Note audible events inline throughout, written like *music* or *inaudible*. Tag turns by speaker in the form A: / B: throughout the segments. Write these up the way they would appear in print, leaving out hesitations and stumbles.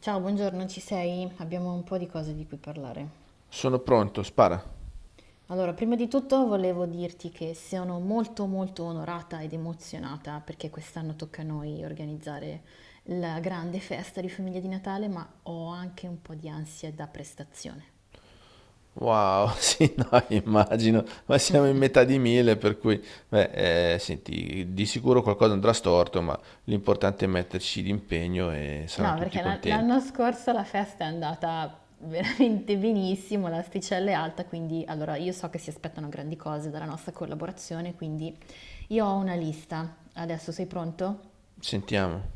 A: Ciao, buongiorno, ci sei? Abbiamo un po' di cose di cui parlare.
B: Sono pronto, spara.
A: Allora, prima di tutto volevo dirti che sono molto molto onorata ed emozionata perché quest'anno tocca a noi organizzare la grande festa di famiglia di Natale, ma ho anche un po' di ansia da prestazione.
B: Wow, *laughs* sì, no, immagino, ma siamo in metà di mille, per cui, beh, senti, di sicuro qualcosa andrà storto, ma l'importante è metterci d'impegno e saranno
A: No,
B: tutti
A: perché
B: contenti.
A: l'anno scorso la festa è andata veramente benissimo, l'asticella è alta, quindi allora io so che si aspettano grandi cose dalla nostra collaborazione, quindi io ho una lista. Adesso sei pronto?
B: Sentiamo.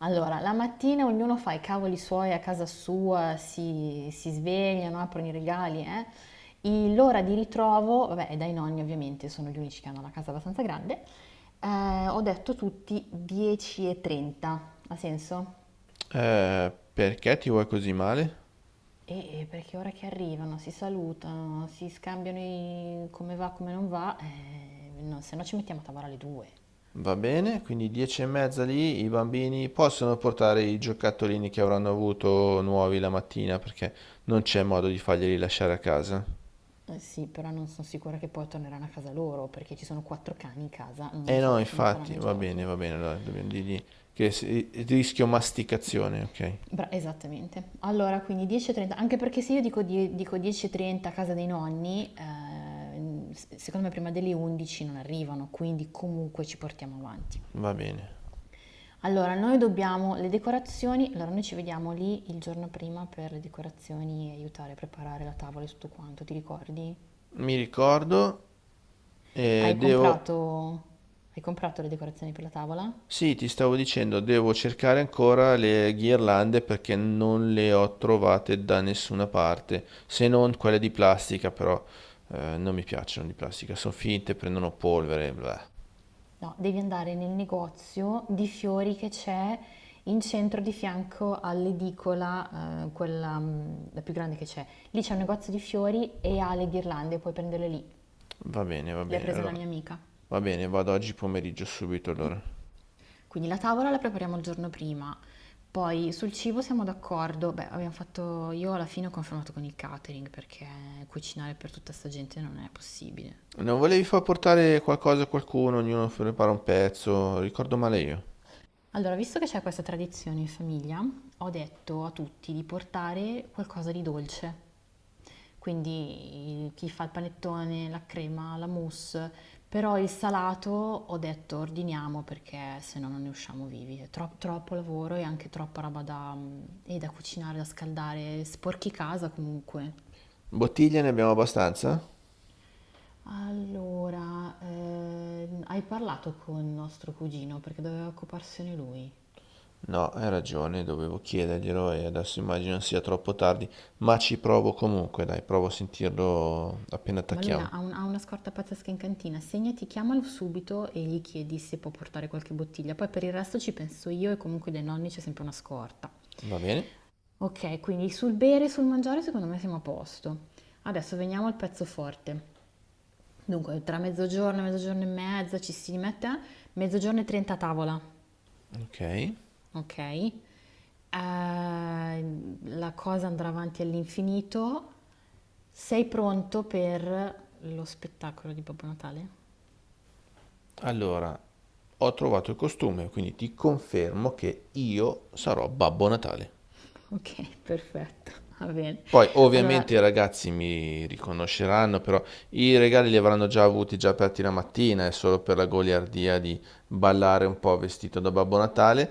A: Allora, la mattina ognuno fa i cavoli suoi a casa sua, si svegliano, aprono i regali, eh. L'ora di ritrovo, vabbè, è dai nonni ovviamente, sono gli unici che hanno la casa abbastanza grande, ho detto tutti 10.30, ha senso?
B: Perché ti vuoi così male?
A: E perché ora che arrivano, si salutano, si scambiano i come va, come non va, no, se no ci mettiamo a tavola alle 2.
B: Va bene, quindi 10 e mezza lì, i bambini possono portare i giocattolini che avranno avuto nuovi la mattina, perché non c'è modo di farglieli lasciare a casa.
A: Eh sì, però non sono sicura che poi torneranno a casa loro, perché ci sono quattro cani in casa, non
B: Eh
A: so
B: no,
A: che fine
B: infatti,
A: faranno i giochi.
B: va bene, allora dobbiamo dirgli che rischio masticazione, ok?
A: Bra Esattamente. Allora, quindi 10.30, anche perché se io dico, dico 10.30 a casa dei nonni, secondo me prima delle 11 non arrivano, quindi comunque ci portiamo avanti.
B: Va bene.
A: Allora, noi dobbiamo le decorazioni, allora noi ci vediamo lì il giorno prima per le decorazioni e aiutare a preparare la tavola e tutto quanto, ti ricordi?
B: Mi ricordo,
A: Hai
B: devo...
A: comprato, hai comprato le decorazioni per la tavola?
B: Sì, ti stavo dicendo, devo cercare ancora le ghirlande perché non le ho trovate da nessuna parte, se non quelle di plastica, però non mi piacciono di plastica, sono finte, prendono polvere, bla.
A: No, devi andare nel negozio di fiori che c'è in centro di fianco all'edicola, quella la più grande che c'è. Lì c'è un negozio di fiori e ha le ghirlande, puoi prenderle lì.
B: Va
A: Le ha
B: bene,
A: prese una
B: allora,
A: mia amica.
B: va bene, vado oggi pomeriggio subito allora.
A: Quindi la tavola la prepariamo il giorno prima. Poi sul cibo siamo d'accordo. Beh, abbiamo fatto, io alla fine ho confermato con il catering perché cucinare per tutta sta gente non è possibile.
B: Non volevi far portare qualcosa a qualcuno, ognuno prepara un pezzo, ricordo male io.
A: Allora, visto che c'è questa tradizione in famiglia, ho detto a tutti di portare qualcosa di dolce. Quindi chi fa il panettone, la crema, la mousse, però il salato ho detto ordiniamo perché se no non ne usciamo vivi. È troppo lavoro e anche troppa roba da, e da cucinare, da scaldare, sporchi casa comunque.
B: Bottiglie ne abbiamo abbastanza?
A: Allora, hai parlato con nostro cugino perché doveva occuparsene lui.
B: No, hai ragione, dovevo chiederglielo e adesso immagino sia troppo tardi, ma ci provo comunque, dai, provo a sentirlo appena
A: Ma lui ha,
B: attacchiamo.
A: ha un- ha una scorta pazzesca in cantina, segnati, chiamalo subito e gli chiedi se può portare qualche bottiglia. Poi per il resto ci penso io e comunque dai nonni c'è sempre una scorta.
B: Va bene?
A: Ok, quindi sul bere e sul mangiare secondo me siamo a posto. Adesso veniamo al pezzo forte. Dunque, tra mezzogiorno e mezzogiorno e mezza ci si mette, mezzogiorno e 30 a tavola,
B: Ok.
A: ok? La cosa andrà avanti all'infinito. Sei pronto per lo spettacolo di Babbo Natale?
B: Allora, ho trovato il costume, quindi ti confermo che io sarò Babbo Natale.
A: Ok, *laughs* perfetto, va bene.
B: Poi ovviamente i
A: Allora,
B: ragazzi mi riconosceranno, però i regali li avranno già avuti già aperti la mattina, è solo per la goliardia di ballare un po' vestito da Babbo Natale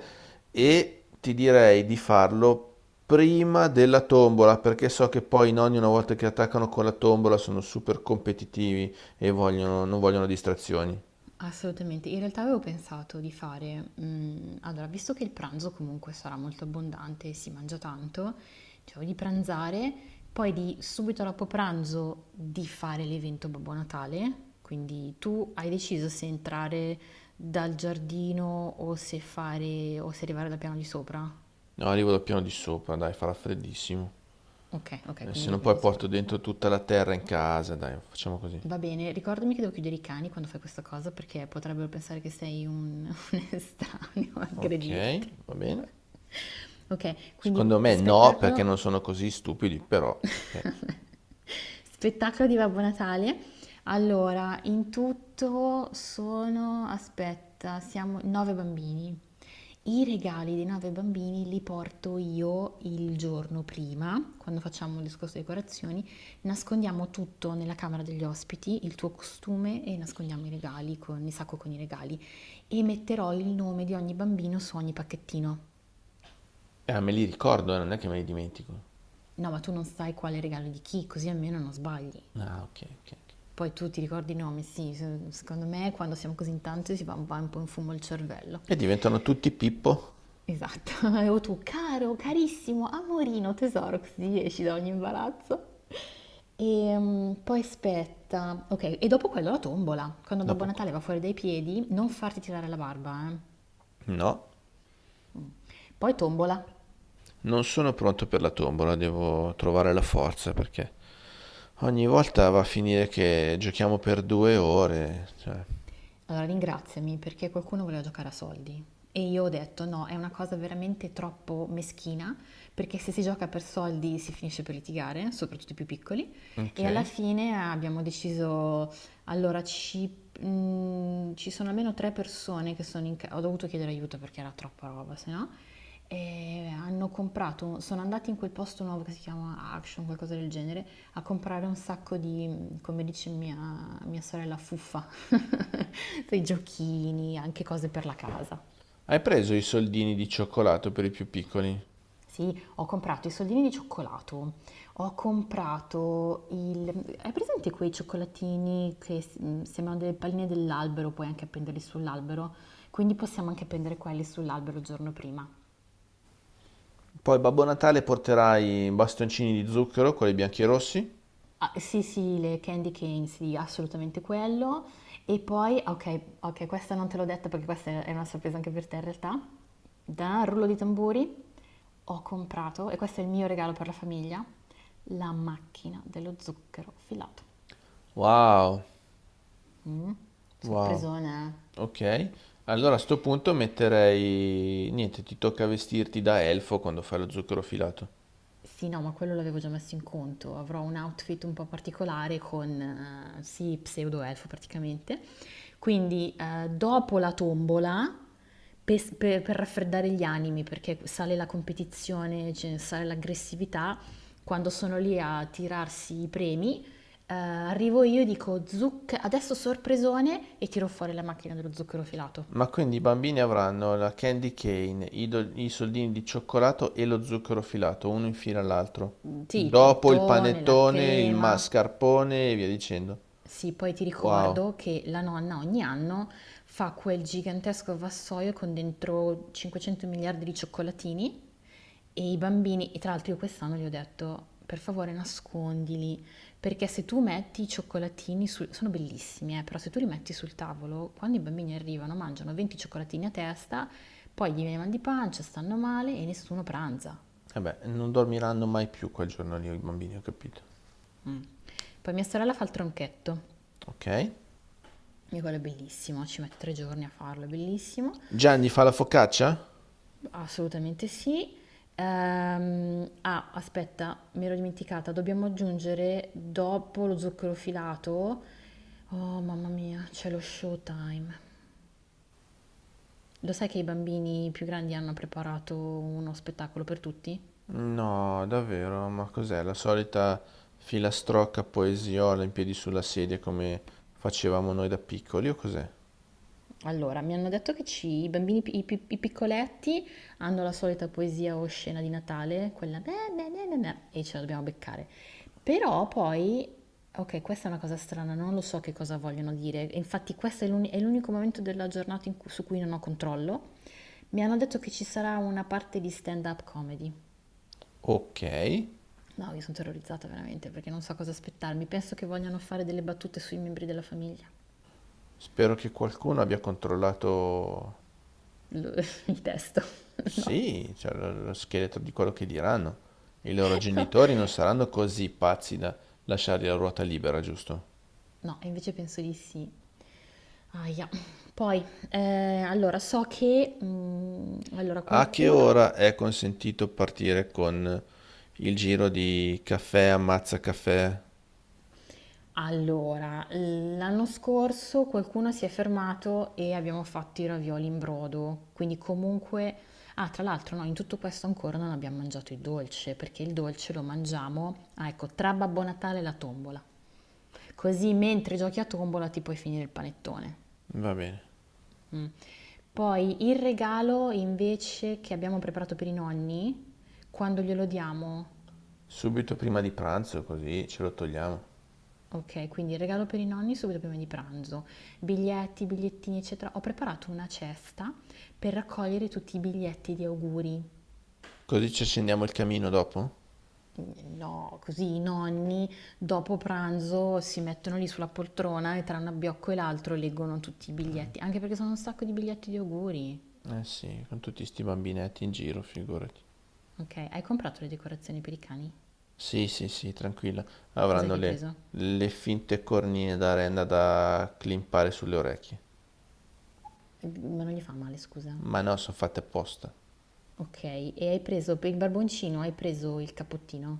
B: e ti direi di farlo prima della tombola, perché so che poi i nonni una volta che attaccano con la tombola sono super competitivi e non vogliono distrazioni.
A: assolutamente, in realtà avevo pensato di fare, allora, visto che il pranzo comunque sarà molto abbondante e si mangia tanto, cioè di pranzare, poi di subito dopo pranzo di fare l'evento Babbo Natale, quindi tu hai deciso se entrare dal giardino o se fare o se arrivare dal piano di sopra?
B: No, arrivo dal piano di sopra, dai, farà freddissimo.
A: Ok, ok,
B: Se
A: quindi il
B: no
A: piano
B: poi
A: di sopra.
B: porto dentro tutta la terra in casa, dai, facciamo così.
A: Va bene, ricordami che devo chiudere i cani quando fai questa cosa perché potrebbero pensare che sei un, *laughs* un estraneo, a
B: Ok,
A: aggredirti.
B: va
A: *laughs*
B: bene.
A: Vabbè. Ok, quindi
B: Secondo me no, perché non
A: spettacolo
B: sono così stupidi, però ok.
A: *laughs* spettacolo di Babbo Natale. Allora, in tutto sono, aspetta, siamo nove bambini. I regali dei nove bambini li porto io il giorno prima, quando facciamo il discorso di decorazioni, nascondiamo tutto nella camera degli ospiti, il tuo costume e nascondiamo i regali con il sacco con i regali e metterò il nome di ogni bambino su ogni pacchettino.
B: Me li ricordo, non è che me li dimentico.
A: No, ma tu non sai quale regalo di chi, così almeno non sbagli.
B: Ah, ok, ok, ok.
A: Poi tu ti ricordi i nomi, sì, secondo me quando siamo così in tanti si va un po' in fumo il cervello.
B: E diventano tutti Pippo?
A: Esatto, *laughs* o tu caro, carissimo, amorino, tesoro, così esci da ogni imbarazzo. E poi aspetta, ok, e dopo quello la tombola. Quando Babbo
B: Dopo... co-
A: Natale va fuori dai piedi, non farti tirare la barba, eh.
B: No,
A: Poi tombola.
B: non sono pronto per la tombola, devo trovare la forza perché ogni volta va a finire che giochiamo per 2 ore, cioè.
A: Allora ringraziami perché qualcuno voleva giocare a soldi e io ho detto no, è una cosa veramente troppo meschina perché se si gioca per soldi si finisce per litigare, soprattutto i più piccoli, e alla
B: Ok.
A: fine abbiamo deciso allora ci sono almeno tre persone che sono in casa, ho dovuto chiedere aiuto perché era troppa roba, se no, e hanno comprato, sono andati in quel posto nuovo che si chiama Action, qualcosa del genere, a comprare un sacco di, come dice mia sorella, fuffa, *laughs* dei giochini, anche cose per la casa.
B: Hai preso i soldini di cioccolato per i più piccoli?
A: Sì, ho comprato i soldini di cioccolato, ho comprato il... Hai presente quei cioccolatini che sembrano delle palline dell'albero, puoi anche appenderli sull'albero? Quindi possiamo anche appendere quelli sull'albero il giorno prima.
B: Poi Babbo Natale porterà i bastoncini di zucchero, quelli bianchi e rossi?
A: Ah, sì, sì, le candy cane, sì, assolutamente quello. E poi, ok, ok, questa non te l'ho detta perché questa è una sorpresa anche per te in realtà. Da rullo di tamburi ho comprato, e questo è il mio regalo per la famiglia, la macchina dello zucchero filato.
B: Wow,
A: Mm,
B: wow.
A: Sorpresona.
B: Ok, allora a sto punto metterei... Niente, ti tocca vestirti da elfo quando fai lo zucchero filato.
A: Sì, no, ma quello l'avevo già messo in conto. Avrò un outfit un po' particolare con, sì, pseudo elfo praticamente. Quindi, dopo la tombola, per raffreddare gli animi, perché sale la competizione, cioè, sale l'aggressività, quando sono lì a tirarsi i premi, arrivo io e dico, adesso sorpresone, e tiro fuori la macchina dello zucchero filato.
B: Ma quindi i bambini avranno la candy cane, i soldini di cioccolato e lo zucchero filato, uno in fila all'altro.
A: Mm, sì, il
B: Dopo il
A: panettone, la
B: panettone, il
A: crema.
B: mascarpone e via dicendo.
A: Sì, poi ti
B: Wow.
A: ricordo che la nonna ogni anno fa quel gigantesco vassoio con dentro 500 miliardi di cioccolatini e i bambini, e tra l'altro io quest'anno gli ho detto, per favore nascondili, perché se tu metti i cioccolatini sul... sono bellissimi, però se tu li metti sul tavolo, quando i bambini arrivano mangiano 20 cioccolatini a testa, poi gli viene mal di pancia, stanno male e nessuno pranza.
B: Vabbè, non dormiranno mai più quel giorno lì i bambini, ho capito.
A: Poi mia sorella fa il tronchetto,
B: Ok.
A: e quello è bellissimo, ci mette 3 giorni a farlo, è bellissimo.
B: Gianni fa la focaccia?
A: Assolutamente sì. Ah, aspetta, mi ero dimenticata, dobbiamo aggiungere dopo lo zucchero filato. Oh, mamma mia, c'è lo showtime. Lo sai che i bambini più grandi hanno preparato uno spettacolo per tutti?
B: No, davvero, ma cos'è? La solita filastrocca poesiola in piedi sulla sedia come facevamo noi da piccoli o cos'è?
A: Allora, mi hanno detto che i bambini, i piccoletti hanno la solita poesia o scena di Natale, quella beh, beh, beh, beh, beh, e ce la dobbiamo beccare. Però poi, ok, questa è una cosa strana, non lo so che cosa vogliono dire. E infatti questo è è l'unico momento della giornata su cui non ho controllo. Mi hanno detto che ci sarà una parte di stand-up comedy.
B: Ok,
A: No, io sono terrorizzata veramente perché non so cosa aspettarmi. Penso che vogliano fare delle battute sui membri della famiglia.
B: spero che qualcuno abbia controllato,
A: Lo- *laughs* Il testo. *laughs* No,
B: sì, cioè, lo scheletro di quello che diranno. I loro
A: no,
B: genitori non saranno così pazzi da lasciargli la ruota libera, giusto?
A: no, invece penso di sì. Aia. Poi, eh, allora, so che... allora,
B: A che
A: qualcuno...
B: ora è consentito partire con il giro di caffè ammazza caffè?
A: Allora, l'anno scorso qualcuno si è fermato e abbiamo fatto i ravioli in brodo, quindi comunque... Ah, tra l'altro, no, in tutto questo ancora non abbiamo mangiato il dolce, perché il dolce lo mangiamo, ah, ecco, tra Babbo Natale e la tombola. Così mentre giochi a tombola ti puoi finire il panettone.
B: Va bene.
A: Mm. Poi il regalo invece che abbiamo preparato per i nonni, quando glielo diamo,
B: Subito prima di pranzo, così ce lo togliamo.
A: ok, quindi il regalo per i nonni subito prima di pranzo, biglietti, bigliettini, eccetera. Ho preparato una cesta per raccogliere tutti i biglietti di auguri.
B: Così ci accendiamo il camino dopo?
A: No, così i nonni dopo pranzo si mettono lì sulla poltrona e tra un abbiocco e l'altro leggono tutti i biglietti, anche perché sono un sacco di biglietti di auguri.
B: Eh sì, con tutti sti bambinetti in giro, figurati.
A: Ok, hai comprato le decorazioni per i cani?
B: Sì, sì, sì, tranquilla.
A: Cos'è
B: Avranno
A: che hai
B: le,
A: preso?
B: le finte cornine da renda da climpare sulle orecchie.
A: Ma non gli fa male, scusa.
B: Ma no, sono fatte apposta.
A: Okay, e hai preso per il barboncino hai preso il cappottino?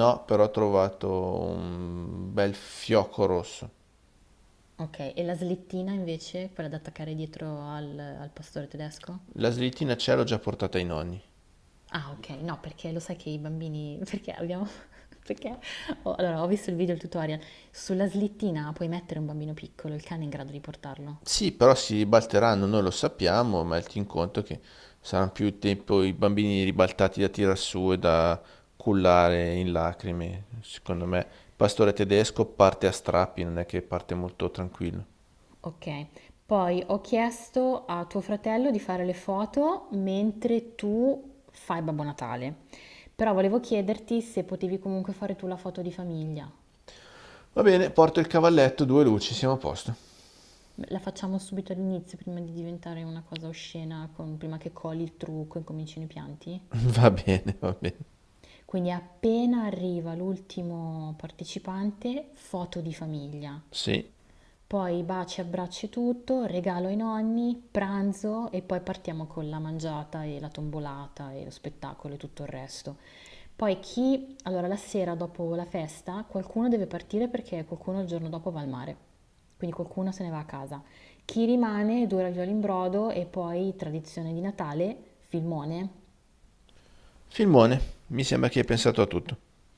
B: No, però ho trovato un bel fiocco rosso.
A: Okay, e la slettina invece, quella da attaccare dietro al pastore tedesco?
B: La slittina ce l'ho già portata ai nonni.
A: Ah okay, no perché lo sai che i bambini *laughs* perché abbiamo *laughs* perché ho allora ho visto il video, il tutorial, sulla slettina puoi mettere un bambino piccolo, il cane è in grado di portarlo.
B: Sì, però si ribalteranno, noi lo sappiamo, ma metti in conto che saranno più tempo i bambini ribaltati da tirar su e da cullare in lacrime. Secondo me, il pastore tedesco parte a strappi, non è che parte molto tranquillo.
A: Okay, poi ho chiesto a tuo fratello di fare le foto mentre tu fai Babbo Natale, però volevo chiederti se potevi comunque fare tu la foto di famiglia.
B: Va bene, porto il cavalletto, due luci, siamo a posto.
A: La facciamo subito all'inizio prima di diventare una cosa oscena, prima che coli il trucco e comincino i pianti?
B: *laughs* Va bene, va bene.
A: Quindi appena arriva l'ultimo partecipante, foto di famiglia.
B: Sì,
A: Poi baci, abbracci e tutto, regalo ai nonni, pranzo e poi partiamo con la mangiata e la tombolata e lo spettacolo e tutto il resto. Poi chi, allora la sera dopo la festa, qualcuno deve partire perché qualcuno il giorno dopo va al mare, quindi qualcuno se ne va a casa. Chi rimane, due ravioli in brodo e poi tradizione di Natale, filmone,
B: filmone, mi sembra che hai pensato a tutto.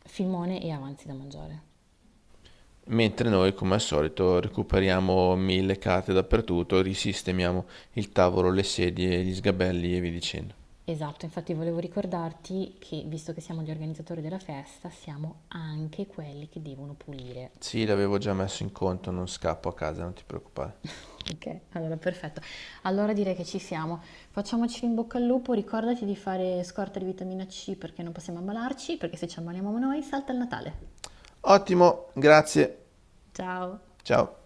A: filmone e avanzi da mangiare.
B: Mentre noi, come al solito, recuperiamo mille carte dappertutto, risistemiamo il tavolo, le sedie, gli sgabelli e via dicendo.
A: Esatto, infatti volevo ricordarti che, visto che siamo gli organizzatori della festa, siamo anche quelli che devono pulire.
B: Sì, l'avevo già messo in conto, non scappo a casa, non ti preoccupare.
A: Ok, allora perfetto. Allora direi che ci siamo. Facciamoci in bocca al lupo, ricordati di fare scorta di vitamina C perché non possiamo ammalarci, perché se ci ammaliamo noi salta il Natale.
B: Ottimo, grazie.
A: Ciao!
B: Ciao.